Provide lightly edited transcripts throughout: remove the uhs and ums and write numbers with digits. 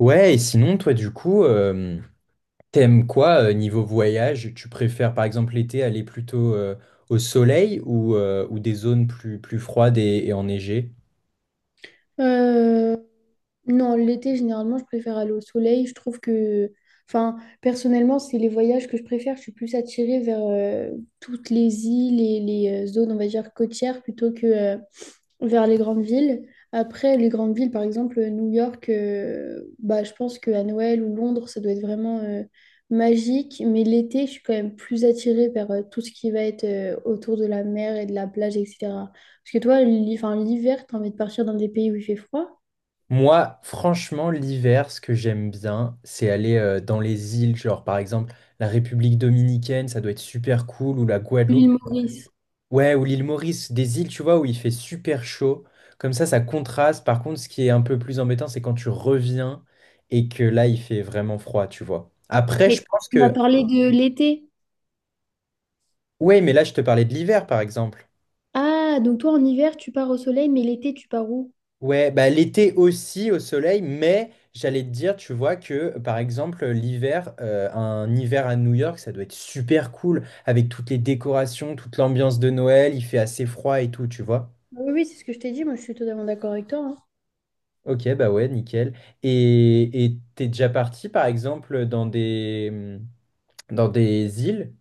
Ouais, et sinon, toi, du coup, t'aimes quoi niveau voyage? Tu préfères, par exemple, l'été aller plutôt au soleil ou des zones plus froides et enneigées? Euh, non, l'été, généralement, je préfère aller au soleil. Je trouve que, enfin, personnellement, c'est les voyages que je préfère. Je suis plus attirée vers toutes les îles et les zones, on va dire, côtières plutôt que vers les grandes villes. Après, les grandes villes, par exemple, New York, bah, je pense qu'à Noël ou Londres, ça doit être vraiment magique. Mais l'été, je suis quand même plus attirée vers tout ce qui va être autour de la mer et de la plage, etc. Parce que toi, enfin, l'hiver, t'as envie de partir dans des pays où il fait froid. Moi, franchement, l'hiver, ce que j'aime bien, c'est aller dans les îles, genre par exemple la République dominicaine, ça doit être super cool, ou la Guadeloupe. L'île Maurice. Ouais, ou l'île Maurice, des îles, tu vois, où il fait super chaud. Comme ça contraste. Par contre, ce qui est un peu plus embêtant, c'est quand tu reviens et que là, il fait vraiment froid, tu vois. Après, Mais je pense tu m'as que... parlé de l'été. Ouais, mais là, je te parlais de l'hiver, par exemple. Ah, donc toi en hiver, tu pars au soleil, mais l'été, tu pars où? Ouais, bah l'été aussi au soleil, mais j'allais te dire, tu vois, que par exemple, l'hiver, un hiver à New York, ça doit être super cool, avec toutes les décorations, toute l'ambiance de Noël, il fait assez froid et tout, tu vois. Oui, oui, c'est ce que je t'ai dit, moi je suis totalement d'accord avec toi, hein. Ok, bah ouais, nickel. Et t'es déjà parti, par exemple, dans des, mmh, dans des îles?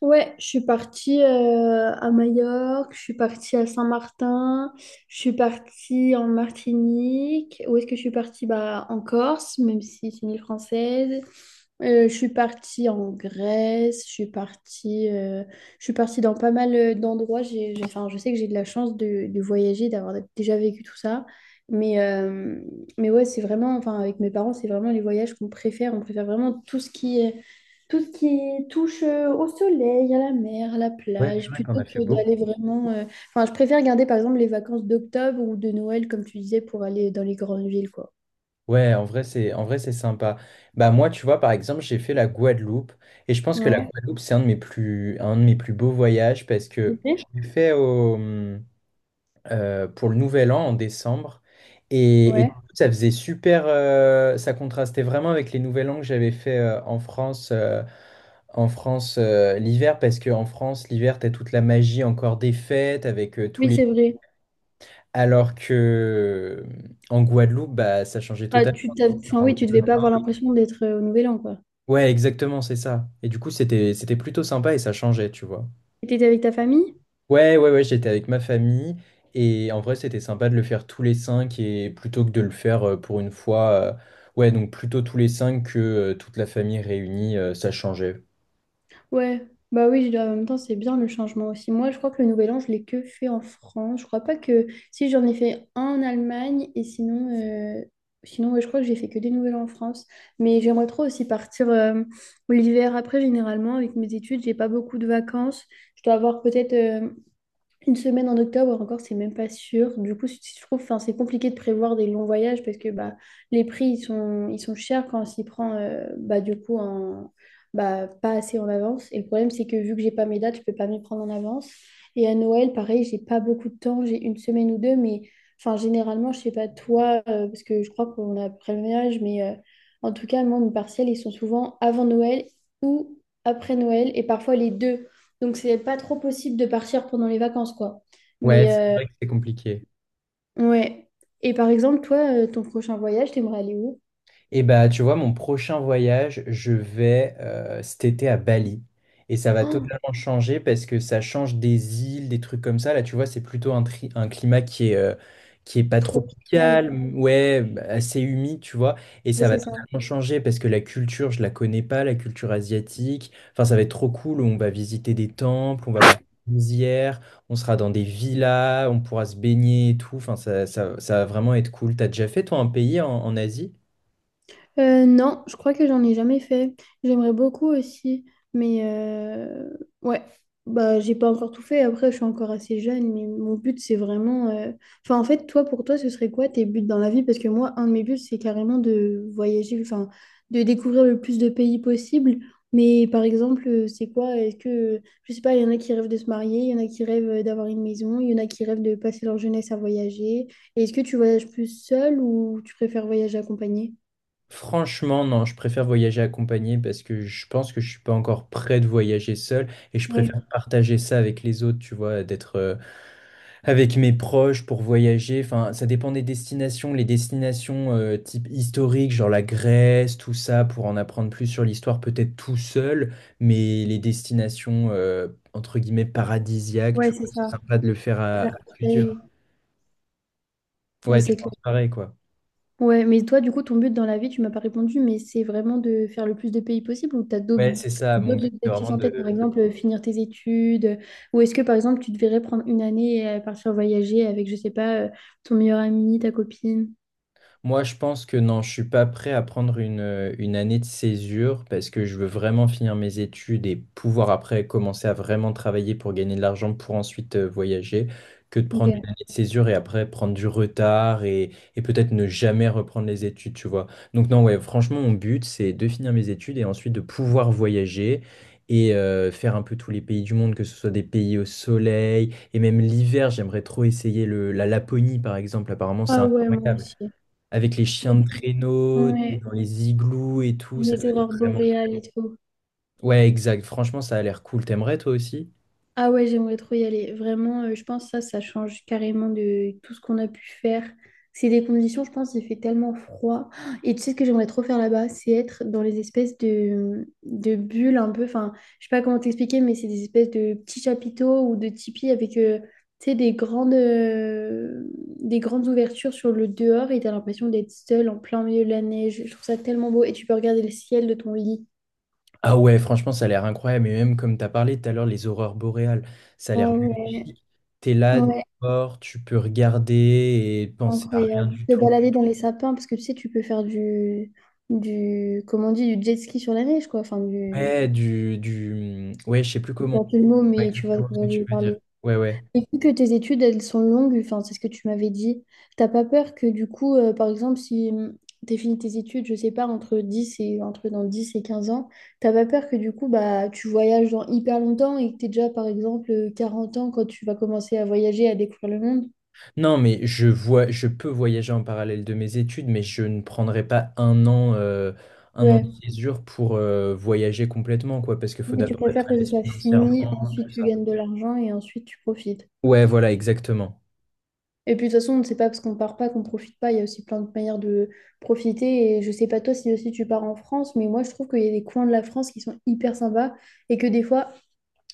Ouais, je suis partie à Majorque, je suis partie à Saint-Martin, je suis partie en Martinique. Où est-ce que je suis partie? Bah, en Corse, même si c'est une île française. Je suis partie en Grèce, je suis partie dans pas mal d'endroits. Enfin, je sais que j'ai de la chance de voyager, d'avoir déjà vécu tout ça. Mais, euh, mais ouais, c'est vraiment, enfin, avec mes parents, c'est vraiment les voyages qu'on préfère. On préfère vraiment tout ce qui touche au soleil, à la mer, à la Ouais, plage, purée, t'en plutôt as fait que beaucoup. d'aller vraiment. Enfin, je préfère garder par exemple les vacances d'octobre ou de Noël, comme tu disais, pour aller dans les grandes villes, quoi. Ouais, en vrai, c'est sympa. Bah moi, tu vois, par exemple, j'ai fait la Guadeloupe. Et je pense que la Ouais. Guadeloupe, c'est un de mes plus beaux voyages parce que je Ok. l'ai fait au, mmh, pour le Nouvel An en décembre. Et du Ouais. coup, ça faisait super, ça contrastait vraiment avec les Nouvel An que j'avais fait en France. En France, l'hiver, parce qu'en France, l'hiver, t'as toute la magie encore des fêtes avec tous Oui, les... c'est vrai. Alors que euh, en Guadeloupe, bah, ça changeait Bah, totalement. Enfin, oui, tu devais pas avoir l'impression d'être au Nouvel An, quoi. Ouais, exactement, c'est ça. Et du coup, c'était plutôt sympa et ça changeait, tu vois. Et t'étais avec ta famille? Ouais, ouais, ouais, j'étais avec ma famille et en vrai, c'était sympa de le faire tous les cinq et plutôt que de le faire pour une fois. Ouais, donc plutôt tous les cinq que toute la famille réunie, ça changeait. Ouais. Bah oui, en même temps, c'est bien le changement aussi. Moi, je crois que le Nouvel An, je l'ai que fait en France. Je crois pas que. Si, j'en ai fait un en Allemagne et sinon, Ouais, je crois que j'ai fait que des Nouvel An en France. Mais j'aimerais trop aussi partir l'hiver après, généralement, avec mes études. J'ai pas beaucoup de vacances. Je dois avoir peut-être. Une semaine en octobre encore, c'est même pas sûr. Du coup, je trouve, enfin, c'est compliqué de prévoir des longs voyages parce que bah, les prix ils sont chers quand on s'y prend bah, du coup bah, pas assez en avance. Et le problème, c'est que vu que j'ai pas mes dates, je peux pas m'y prendre en avance. Et à Noël, pareil, j'ai pas beaucoup de temps, j'ai une semaine ou deux, mais enfin, généralement, je sais pas toi, parce que je crois qu'on a à peu près le même âge, mais en tout cas, moi, mes partiels, ils sont souvent avant Noël ou après Noël et parfois les deux. Donc, c'est pas trop possible de partir pendant les vacances, quoi. Ouais, Mais, c'est vrai que c'est compliqué. ouais. Et par exemple, toi, ton prochain voyage, t'aimerais aller où? Et bah, tu vois, mon prochain voyage, je vais cet été à Bali. Et ça va Oh, totalement changer parce que ça change des îles, des trucs comme ça. Là, tu vois, c'est plutôt un climat qui est pas trop génial. tropical, ouais, bah, assez humide, tu vois. Et Ouais, ça va c'est ça. totalement changer parce que la culture, je la connais pas, la culture asiatique. Enfin, ça va être trop cool. On va visiter des temples, on va voir des rizières, on sera dans des villas, on pourra se baigner et tout. Enfin, ça va vraiment être cool. T'as déjà fait, toi, un pays en Asie? Non, je crois que j'en ai jamais fait. J'aimerais beaucoup aussi, mais ouais, bah j'ai pas encore tout fait. Après, je suis encore assez jeune, mais mon but c'est vraiment. Enfin, en fait, toi, pour toi, ce serait quoi tes buts dans la vie? Parce que moi, un de mes buts, c'est carrément de voyager, enfin, de découvrir le plus de pays possible. Mais par exemple, c'est quoi? Est-ce que, je sais pas, il y en a qui rêvent de se marier, il y en a qui rêvent d'avoir une maison, il y en a qui rêvent de passer leur jeunesse à voyager. Et est-ce que tu voyages plus seul ou tu préfères voyager accompagné? Franchement, non, je préfère voyager accompagné parce que je pense que je suis pas encore prêt de voyager seul et je préfère partager ça avec les autres, tu vois, d'être avec mes proches pour voyager. Enfin, ça dépend des destinations. Les destinations type historique, genre la Grèce, tout ça, pour en apprendre plus sur l'histoire, peut-être tout seul, mais les destinations entre guillemets paradisiaques, Ouais, tu c'est vois, c'est ça. sympa de le faire Je à préfère partager. plusieurs. Oui, Ouais, tu c'est clair. penses pareil, quoi. Ouais, mais toi, du coup, ton but dans la vie, tu m'as pas répondu, mais c'est vraiment de faire le plus de pays possible ou tu as d'autres Ouais, c'est ça. Mon d'autres but, c'est objectifs vraiment en tête, par de exemple, finir tes études, ou est-ce que, par exemple, tu devrais prendre une année et partir voyager avec, je sais pas, ton meilleur ami, ta copine? Moi, je pense que non, je suis pas prêt à prendre une année de césure parce que je veux vraiment finir mes études et pouvoir après commencer à vraiment travailler pour gagner de l'argent pour ensuite voyager que de Ok. prendre une année de césure et après prendre du retard et peut-être ne jamais reprendre les études, tu vois. Donc non, ouais, franchement, mon but, c'est de finir mes études et ensuite de pouvoir voyager. Et faire un peu tous les pays du monde, que ce soit des pays au soleil, et même l'hiver, j'aimerais trop essayer la Laponie, par exemple. Apparemment, c'est Ah ouais, moi incroyable. aussi. Avec les chiens de traîneau, t'es Ouais, dans les igloos et tout, ça les doit être aurores vraiment... cool. boréales et tout. Ouais, exact. Franchement, ça a l'air cool. T'aimerais toi aussi? Ah ouais, j'aimerais trop y aller. Vraiment, je pense que ça change carrément de tout ce qu'on a pu faire. C'est des conditions, je pense, il fait tellement froid. Et tu sais ce que j'aimerais trop faire là-bas, c'est être dans les espèces de bulles un peu. Enfin, je sais pas comment t'expliquer, mais c'est des espèces de petits chapiteaux ou de tipis avec, tu sais, des grandes ouvertures sur le dehors et t'as l'impression d'être seul en plein milieu de la neige. Je trouve ça tellement beau et tu peux regarder le ciel de ton lit. Ah ouais, franchement, ça a l'air incroyable. Et même comme t'as parlé tout à l'heure, les aurores boréales, ça a Ah l'air ouais. magnifique. T'es là, Ouais. dehors, tu peux regarder et penser à rien Incroyable. du De tout. balader dans les sapins, parce que tu sais, tu peux faire comment on dit, du jet ski sur la neige, quoi. Enfin, Ouais, Ouais, je sais plus je sais comment. pas le mot, Ouais, mais tu vois de exactement ce que quoi je tu veux veux dire. parler. Ouais, ouais. Et vu que tes études, elles sont longues, enfin, c'est ce que tu m'avais dit, t'as pas peur que du coup, par exemple, si tu as fini tes études, je sais pas, entre dans 10 et 15 ans, t'as pas peur que du coup, bah, tu voyages dans hyper longtemps et que t'es déjà, par exemple, 40 ans quand tu vas commencer à voyager, à découvrir le monde? Non, mais je vois, je peux voyager en parallèle de mes études, mais je ne prendrai pas un an, un an de césure pour voyager complètement, quoi, parce qu'il Oui, faut mais tu d'abord être préfères à que ce l'aise soit fini, financièrement, ensuite tout tu ça. gagnes de l'argent et ensuite tu profites. Ouais, voilà, exactement. Et puis de toute façon, on ne sait pas parce qu'on part pas qu'on profite pas. Il y a aussi plein de manières de profiter. Et je sais pas toi si aussi tu pars en France, mais moi je trouve qu'il y a des coins de la France qui sont hyper sympas et que des fois,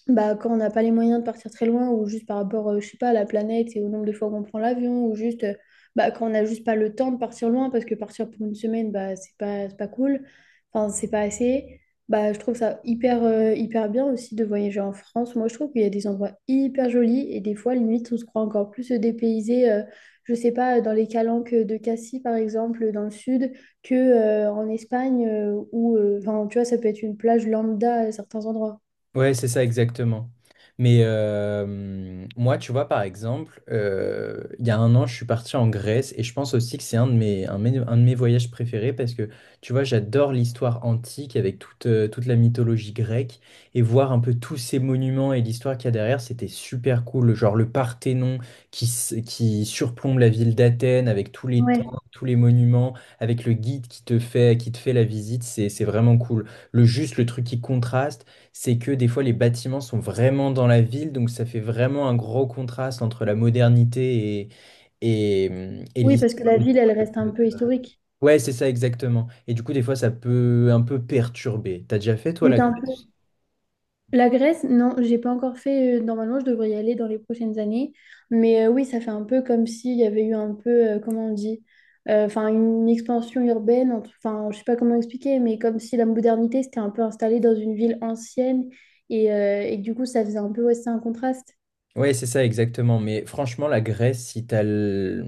bah, quand on n'a pas les moyens de partir très loin, ou juste par rapport, je sais pas, à la planète et au nombre de fois qu'on prend l'avion, ou juste bah, quand on n'a juste pas le temps de partir loin, parce que partir pour une semaine, bah, c'est pas cool, enfin, c'est pas assez. Bah, je trouve ça hyper bien aussi de voyager en France. Moi, je trouve qu'il y a des endroits hyper jolis et des fois, limite, on se croit encore plus dépaysé, je sais pas, dans les calanques de Cassis, par exemple, dans le sud, que, en Espagne, où, enfin, tu vois, ça peut être une plage lambda à certains endroits. Ouais, c'est ça exactement. Mais moi, tu vois, par exemple, il y a un an, je suis parti en Grèce et je pense aussi que c'est un de mes voyages préférés parce que, tu vois, j'adore l'histoire antique avec toute la mythologie grecque et voir un peu tous ces monuments et l'histoire qu'il y a derrière, c'était super cool. Genre le Parthénon qui surplombe la ville d'Athènes avec tous les Ouais. temples, tous les monuments, avec le guide qui te fait la visite, c'est vraiment cool. Le juste, le truc qui contraste c'est que des fois les bâtiments sont vraiment dans la ville, donc ça fait vraiment un gros contraste entre la modernité et, et Oui, l'histoire. parce que la ville, elle reste un peu historique. Ouais, c'est ça exactement. Et du coup, des fois, ça peut un peu perturber. T'as déjà fait, toi, Oui, la t'as un peu. Grèce? La Grèce, non, j'ai pas encore fait. Normalement, je devrais y aller dans les prochaines années. Mais oui, ça fait un peu comme s'il y avait eu un peu, comment on dit, enfin, une expansion urbaine. Enfin, je sais pas comment expliquer, mais comme si la modernité s'était un peu installée dans une ville ancienne et que du coup, ça faisait un peu, ouais, c'est un contraste. Ouais, c'est ça exactement. Mais franchement, la Grèce,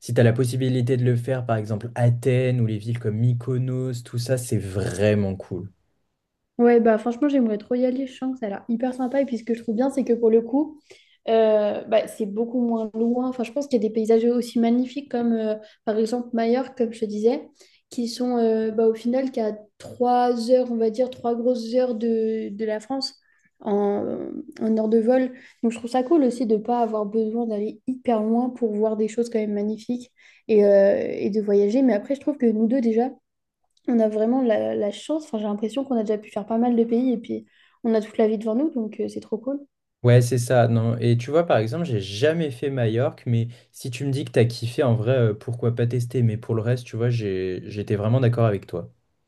si t'as la possibilité de le faire, par exemple, Athènes ou les villes comme Mykonos, tout ça, c'est vraiment cool. Ouais, bah franchement, j'aimerais trop y aller. Je sens que ça a l'air hyper sympa. Et puis, ce que je trouve bien, c'est que pour le coup, bah, c'est beaucoup moins loin. Enfin, je pense qu'il y a des paysages aussi magnifiques comme, par exemple, Majorque, comme je te disais, qui sont bah, au final qu'à 3 heures, on va dire, 3 grosses heures de la France en, en heure de vol. Donc, je trouve ça cool aussi de ne pas avoir besoin d'aller hyper loin pour voir des choses quand même magnifiques et de voyager. Mais après, je trouve que nous deux, déjà, on a vraiment la chance. Enfin, j'ai l'impression qu'on a déjà pu faire pas mal de pays et puis on a toute la vie devant nous, donc c'est trop cool. Ouais, c'est ça. Non. Et tu vois, par exemple, j'ai jamais fait Majorque, mais si tu me dis que t'as kiffé, en vrai, pourquoi pas tester? Mais pour le reste, tu vois, j'étais vraiment d'accord avec toi.